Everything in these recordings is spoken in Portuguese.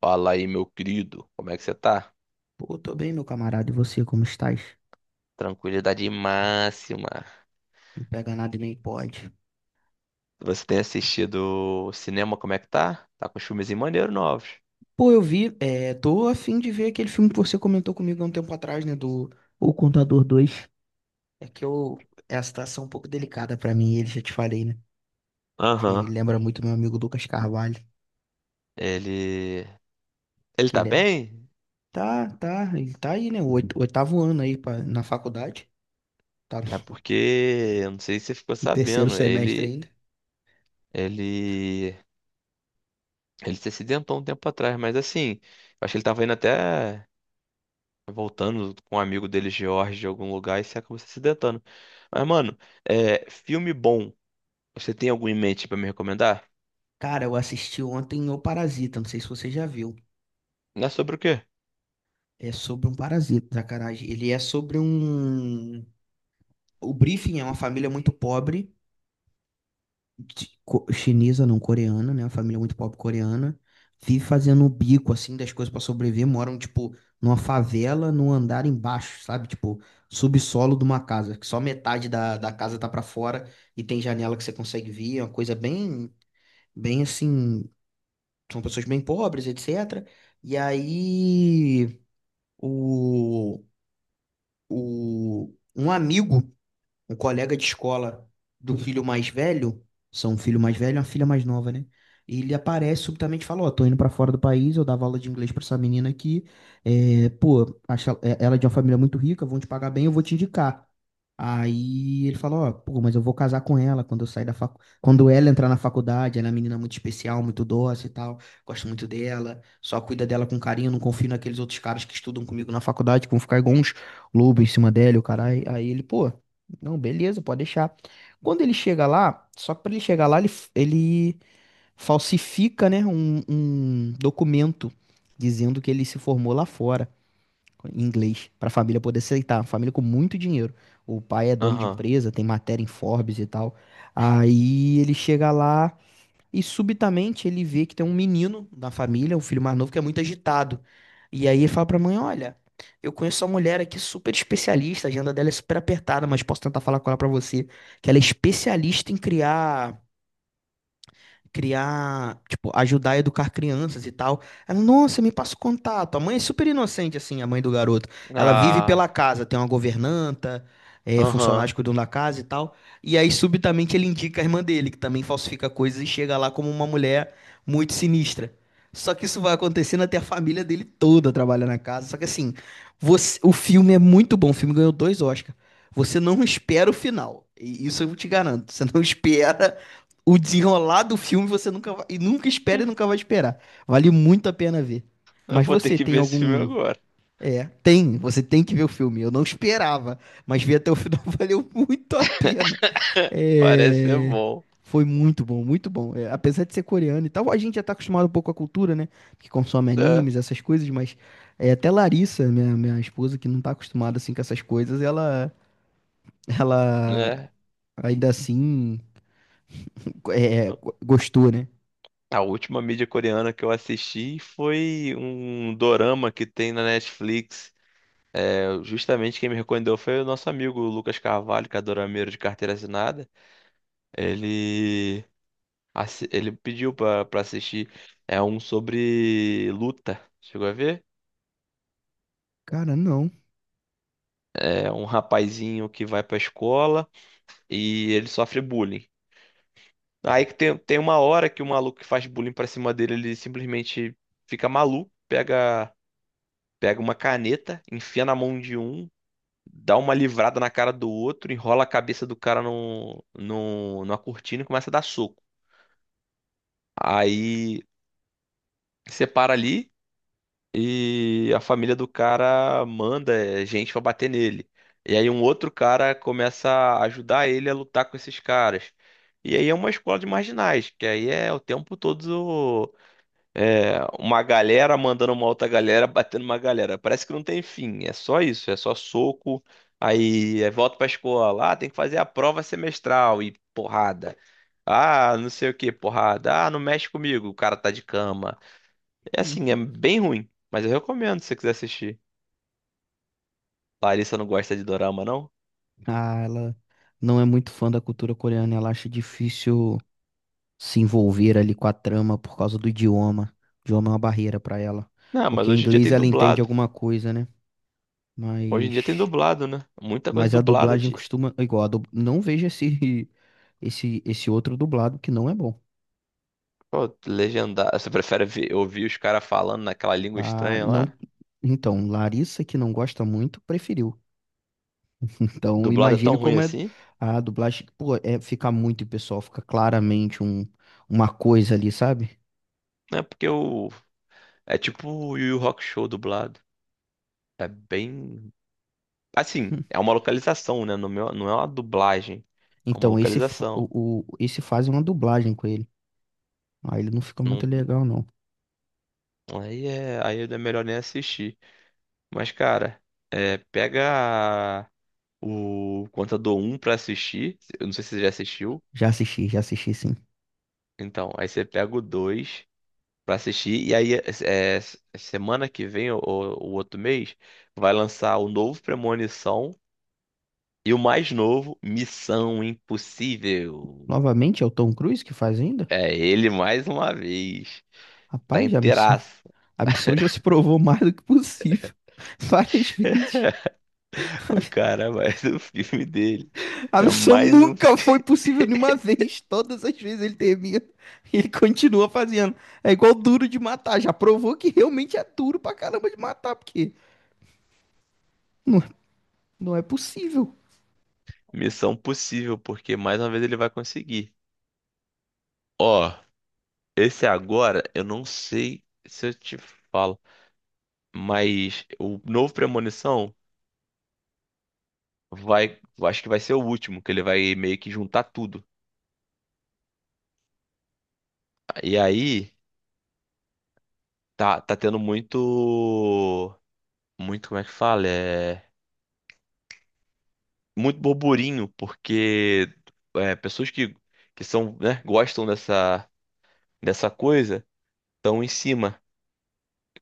Fala aí, meu querido, como é que você tá? Pô, tô bem, meu camarada. E você, como estás? Tranquilidade máxima. Não pega nada e nem pode. Você tem assistido cinema, como é que tá? Tá com os filmes maneiros novos. Pô, eu vi, tô a fim de ver aquele filme que você comentou comigo há um tempo atrás, né, do O Contador 2. É que eu, é a situação um pouco delicada pra mim, ele já te falei, né, que Aham. lembra muito meu amigo Lucas Carvalho, Ele. Ele que tá ele é, bem? tá, tá, ele tá aí, né, o oitavo ano aí pra, na faculdade, tá É porque. Eu não sei se você ficou no terceiro sabendo. semestre ainda. Ele. Ele se acidentou um tempo atrás, mas assim. Eu acho que ele tava indo até. Voltando com um amigo dele, George, de algum lugar, e se acabou se acidentando. Mas, mano, filme bom. Você tem algum em mente pra me recomendar? Cara, eu assisti ontem O Parasita, não sei se você já viu. Não é sobre o quê? É sobre um parasita, sacanagem. Ele é sobre um. O briefing é uma família muito pobre, chinesa, não coreana, né? Uma família muito pobre coreana. Vive fazendo o bico, assim, das coisas pra sobreviver. Moram, tipo, numa favela, num andar embaixo, sabe? Tipo, subsolo de uma casa, que só metade da casa tá pra fora e tem janela que você consegue ver. É uma coisa bem, bem assim. São pessoas bem pobres, etc. E aí, o, o, um amigo um colega de escola do filho mais velho, são um filho mais velho e uma filha mais nova, né? E ele aparece subitamente e fala, ó, tô indo pra fora do país, eu dava aula de inglês pra essa menina aqui, é, pô, acho ela ela é de uma família muito rica, vão te pagar bem, eu vou te indicar. Aí ele falou, ó, pô, mas eu vou casar com ela quando eu sair da quando ela entrar na faculdade, ela é uma menina muito especial, muito dócil e tal, gosto muito dela, só cuida dela com carinho, não confio naqueles outros caras que estudam comigo na faculdade, que vão ficar igual uns lobos em cima dela, e o caralho. Aí ele, pô, não, beleza, pode deixar. Quando ele chega lá, só que para ele chegar lá, ele falsifica, né, um documento dizendo que ele se formou lá fora, em inglês, para a família poder aceitar. Uma família com muito dinheiro. O pai é dono de Aham. empresa, tem matéria em Forbes e tal. Aí ele chega lá. E subitamente ele vê que tem um menino na família, um filho mais novo, que é muito agitado. E aí ele fala pra mãe: olha, eu conheço uma mulher aqui super especialista, a agenda dela é super apertada, mas posso tentar falar com ela pra você. Que ela é especialista em criar, tipo, ajudar a educar crianças e tal. Ela, nossa, me passa o contato. A mãe é super inocente, assim, a mãe do garoto. Ela vive pela Ah, casa, tem uma governanta, é, funcionários aham. cuidam da casa e tal. E aí, subitamente, ele indica a irmã dele, que também falsifica coisas e chega lá como uma mulher muito sinistra. Só que isso vai acontecendo até a família dele toda trabalha na casa. Só que assim, o filme é muito bom. O filme ganhou dois Oscars. Você não espera o final. E isso eu te garanto. Você não espera o desenrolar do filme você nunca vai, e nunca espera e nunca vai esperar. Vale muito a pena ver. Eu Mas vou ter você que tem ver esse filme algum. agora. É, tem, você tem que ver o filme. Eu não esperava, mas ver até o final valeu muito a pena. Parece ser É, bom. foi muito bom, muito bom. É, apesar de ser coreano e tal, a gente já tá acostumado um pouco com a cultura, né? Que consome É, animes, essas coisas, mas é, até Larissa, minha esposa, que não tá acostumada assim com essas coisas, ela né? ainda assim, é, gostou, né? A última mídia coreana que eu assisti foi um dorama que tem na Netflix. É, justamente quem me recomendou foi o nosso amigo Lucas Carvalho, que é dorameiro de carteira assinada. Ele, ele pediu pra assistir. É um sobre luta. Chegou a ver? Cara, não. É um rapazinho que vai pra escola e ele sofre bullying. Aí que tem uma hora que o maluco que faz bullying pra cima dele, ele simplesmente fica maluco, pega, pega uma caneta, enfia na mão de um, dá uma livrada na cara do outro, enrola a cabeça do cara no no numa cortina e começa a dar soco. Aí separa ali e a família do cara manda é, gente pra bater nele. E aí um outro cara começa a ajudar ele a lutar com esses caras. E aí é uma escola de marginais, que aí é o tempo todo. É, uma galera mandando uma outra galera, batendo uma galera. Parece que não tem fim, é só isso, é só soco. Aí é volta pra escola, ah, tem que fazer a prova semestral e porrada. Ah, não sei o que, porrada. Ah, não mexe comigo, o cara tá de cama. É assim, é Hum. bem ruim, mas eu recomendo se você quiser assistir. Larissa não gosta de dorama, não? Ah, ela não é muito fã da cultura coreana, ela acha difícil se envolver ali com a trama por causa do idioma. O idioma é uma barreira pra ela, Não, mas porque em hoje em dia inglês tem ela entende dublado. alguma coisa, né? Hoje em dia tem Mas dublado, né? Muita coisa mas a dublada dublagem de. costuma igual, não vejo esse esse outro dublado que não é bom. Pô, legendar. Você prefere ouvir os caras falando naquela língua Ah, estranha não. lá? Então, Larissa que não gosta muito, preferiu. Então, Dublado é tão imagine ruim como é assim, a dublagem, pô, é, fica muito pessoal, fica claramente um, uma coisa ali, sabe? né? Porque o. É tipo o Yu Yu Show dublado. É bem. Assim, é uma localização, né? Não é uma dublagem. É uma Então, esse, localização. Esse faz uma dublagem com ele. Ah, ele não fica muito Não- legal, não. aí é melhor nem assistir. Mas, cara, pega o Contador um pra assistir. Eu não sei se você já assistiu. Já assisti, sim. Então, aí você pega o 2 pra assistir. E aí, é, semana que vem, ou o outro mês, vai lançar o novo Premonição. E o mais novo, Missão Impossível. Novamente, é o Tom Cruise que faz ainda? É ele mais uma vez. Tá Rapaz, a missão, inteiraço. a missão já se provou mais do que possível. Várias vezes. O cara vai do filme dele. A É missão mais um nunca foi possível nenhuma vez. Todas as vezes ele termina e ele continua fazendo. É igual duro de matar. Já provou que realmente é duro pra caramba de matar, porque não, não é possível. Missão Possível, porque mais uma vez ele vai conseguir. Ó, esse agora, eu não sei se eu te falo, mas o novo Premonição vai, eu acho que vai ser o último, que ele vai meio que juntar tudo. E aí, tá tendo como é que fala? É, muito burburinho, porque pessoas que são, né, gostam dessa coisa estão em cima.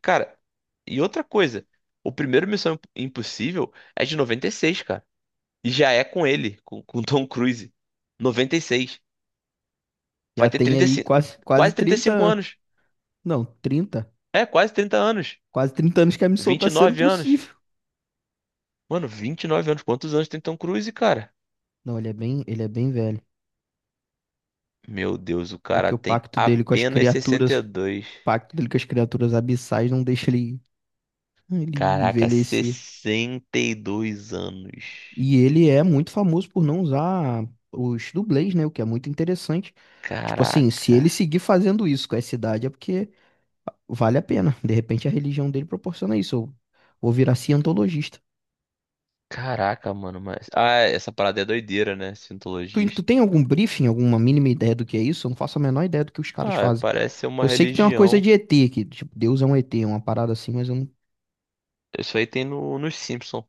Cara, e outra coisa, o primeiro Missão Impossível é de 96, cara. E já é com ele, com Tom Cruise. 96. Vai Já ter tem aí 35, quase, quase quase trinta e 30 cinco anos. anos. Não, 30. É, quase 30 anos. Quase 30 anos que a missão vinte tá e sendo nove anos. possível. Mano, 29 anos. Quantos anos tem Tom Cruise, cara? Não, ele é bem velho. Meu Deus, o É cara que o tem pacto dele com as apenas sessenta criaturas, e o dois pacto dele com as criaturas abissais não deixa ele, ele Caraca, envelhecer. 62 anos. E ele é muito famoso por não usar os dublês, né? O que é muito interessante. Tipo assim, se ele Caraca. seguir fazendo isso com essa idade, é porque vale a pena. De repente a religião dele proporciona isso. Eu vou virar cientologista. Caraca, mano, mas. Ah, é, essa parada é doideira, né? Tu Cientologista. tem algum briefing, alguma mínima ideia do que é isso? Eu não faço a menor ideia do que os caras Ah, é, fazem. parece ser uma Eu sei que tem uma coisa religião. de ET, que tipo, Deus é um ET, uma parada assim, mas eu não. Isso aí tem no, nos Simpsons.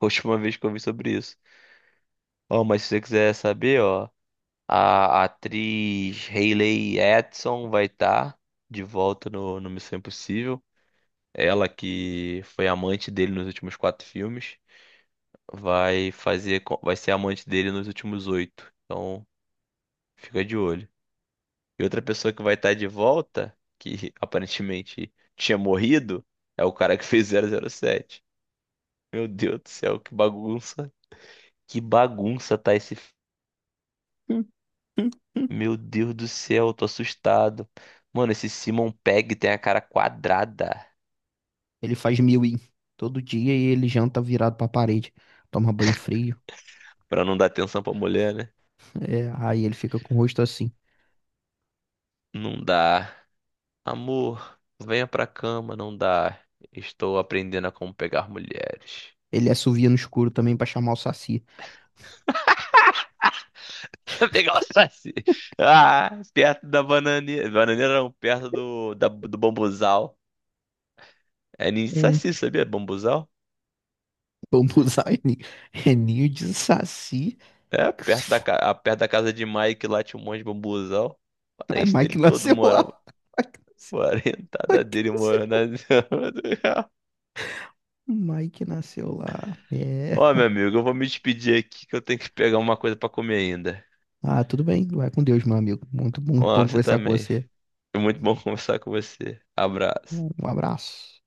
A última vez que eu vi sobre isso. Ó, mas se você quiser saber, ó, a atriz Hayley Atwell vai estar de volta no Missão Impossível. Ela que foi amante dele nos últimos 4 filmes. Vai ser amante dele nos últimos 8. Então, fica de olho. E outra pessoa que vai estar de volta, que aparentemente tinha morrido, é o cara que fez 007. Meu Deus do céu, que bagunça. Que bagunça tá esse. Hum, hum, hum. Meu Deus do céu, tô assustado. Mano, esse Simon Pegg tem a cara quadrada. Ele faz milwing todo dia e ele janta virado pra parede. Toma banho frio. Pra não dar atenção pra mulher, né? É, aí ele fica com o rosto assim. Não dá. Amor, venha pra cama, não dá. Estou aprendendo a como pegar mulheres. Ele assovia no escuro também pra chamar o saci. Pegar o saci. Ah, perto da bananeira. Bananeira não, perto do bambuzal. É ninho de É. saci, sabia? Bambuzal? Vamos usar é ninho de saci. É, perto da casa de Mike lá tinha um monte de bambuzal. Ai, Parente dele Mike todo nasceu lá. morava. Mike nasceu, Parentada Mike dele nasceu morando na lá. Zona do Real. Mike nasceu lá. É. Ó, meu amigo, eu vou me despedir aqui que eu tenho que pegar uma coisa pra comer ainda. Ah, tudo bem. Vai com Deus, meu amigo. Muito, Ó, muito bom você conversar com também. você. Foi muito bom conversar com você. Abraço. Um abraço.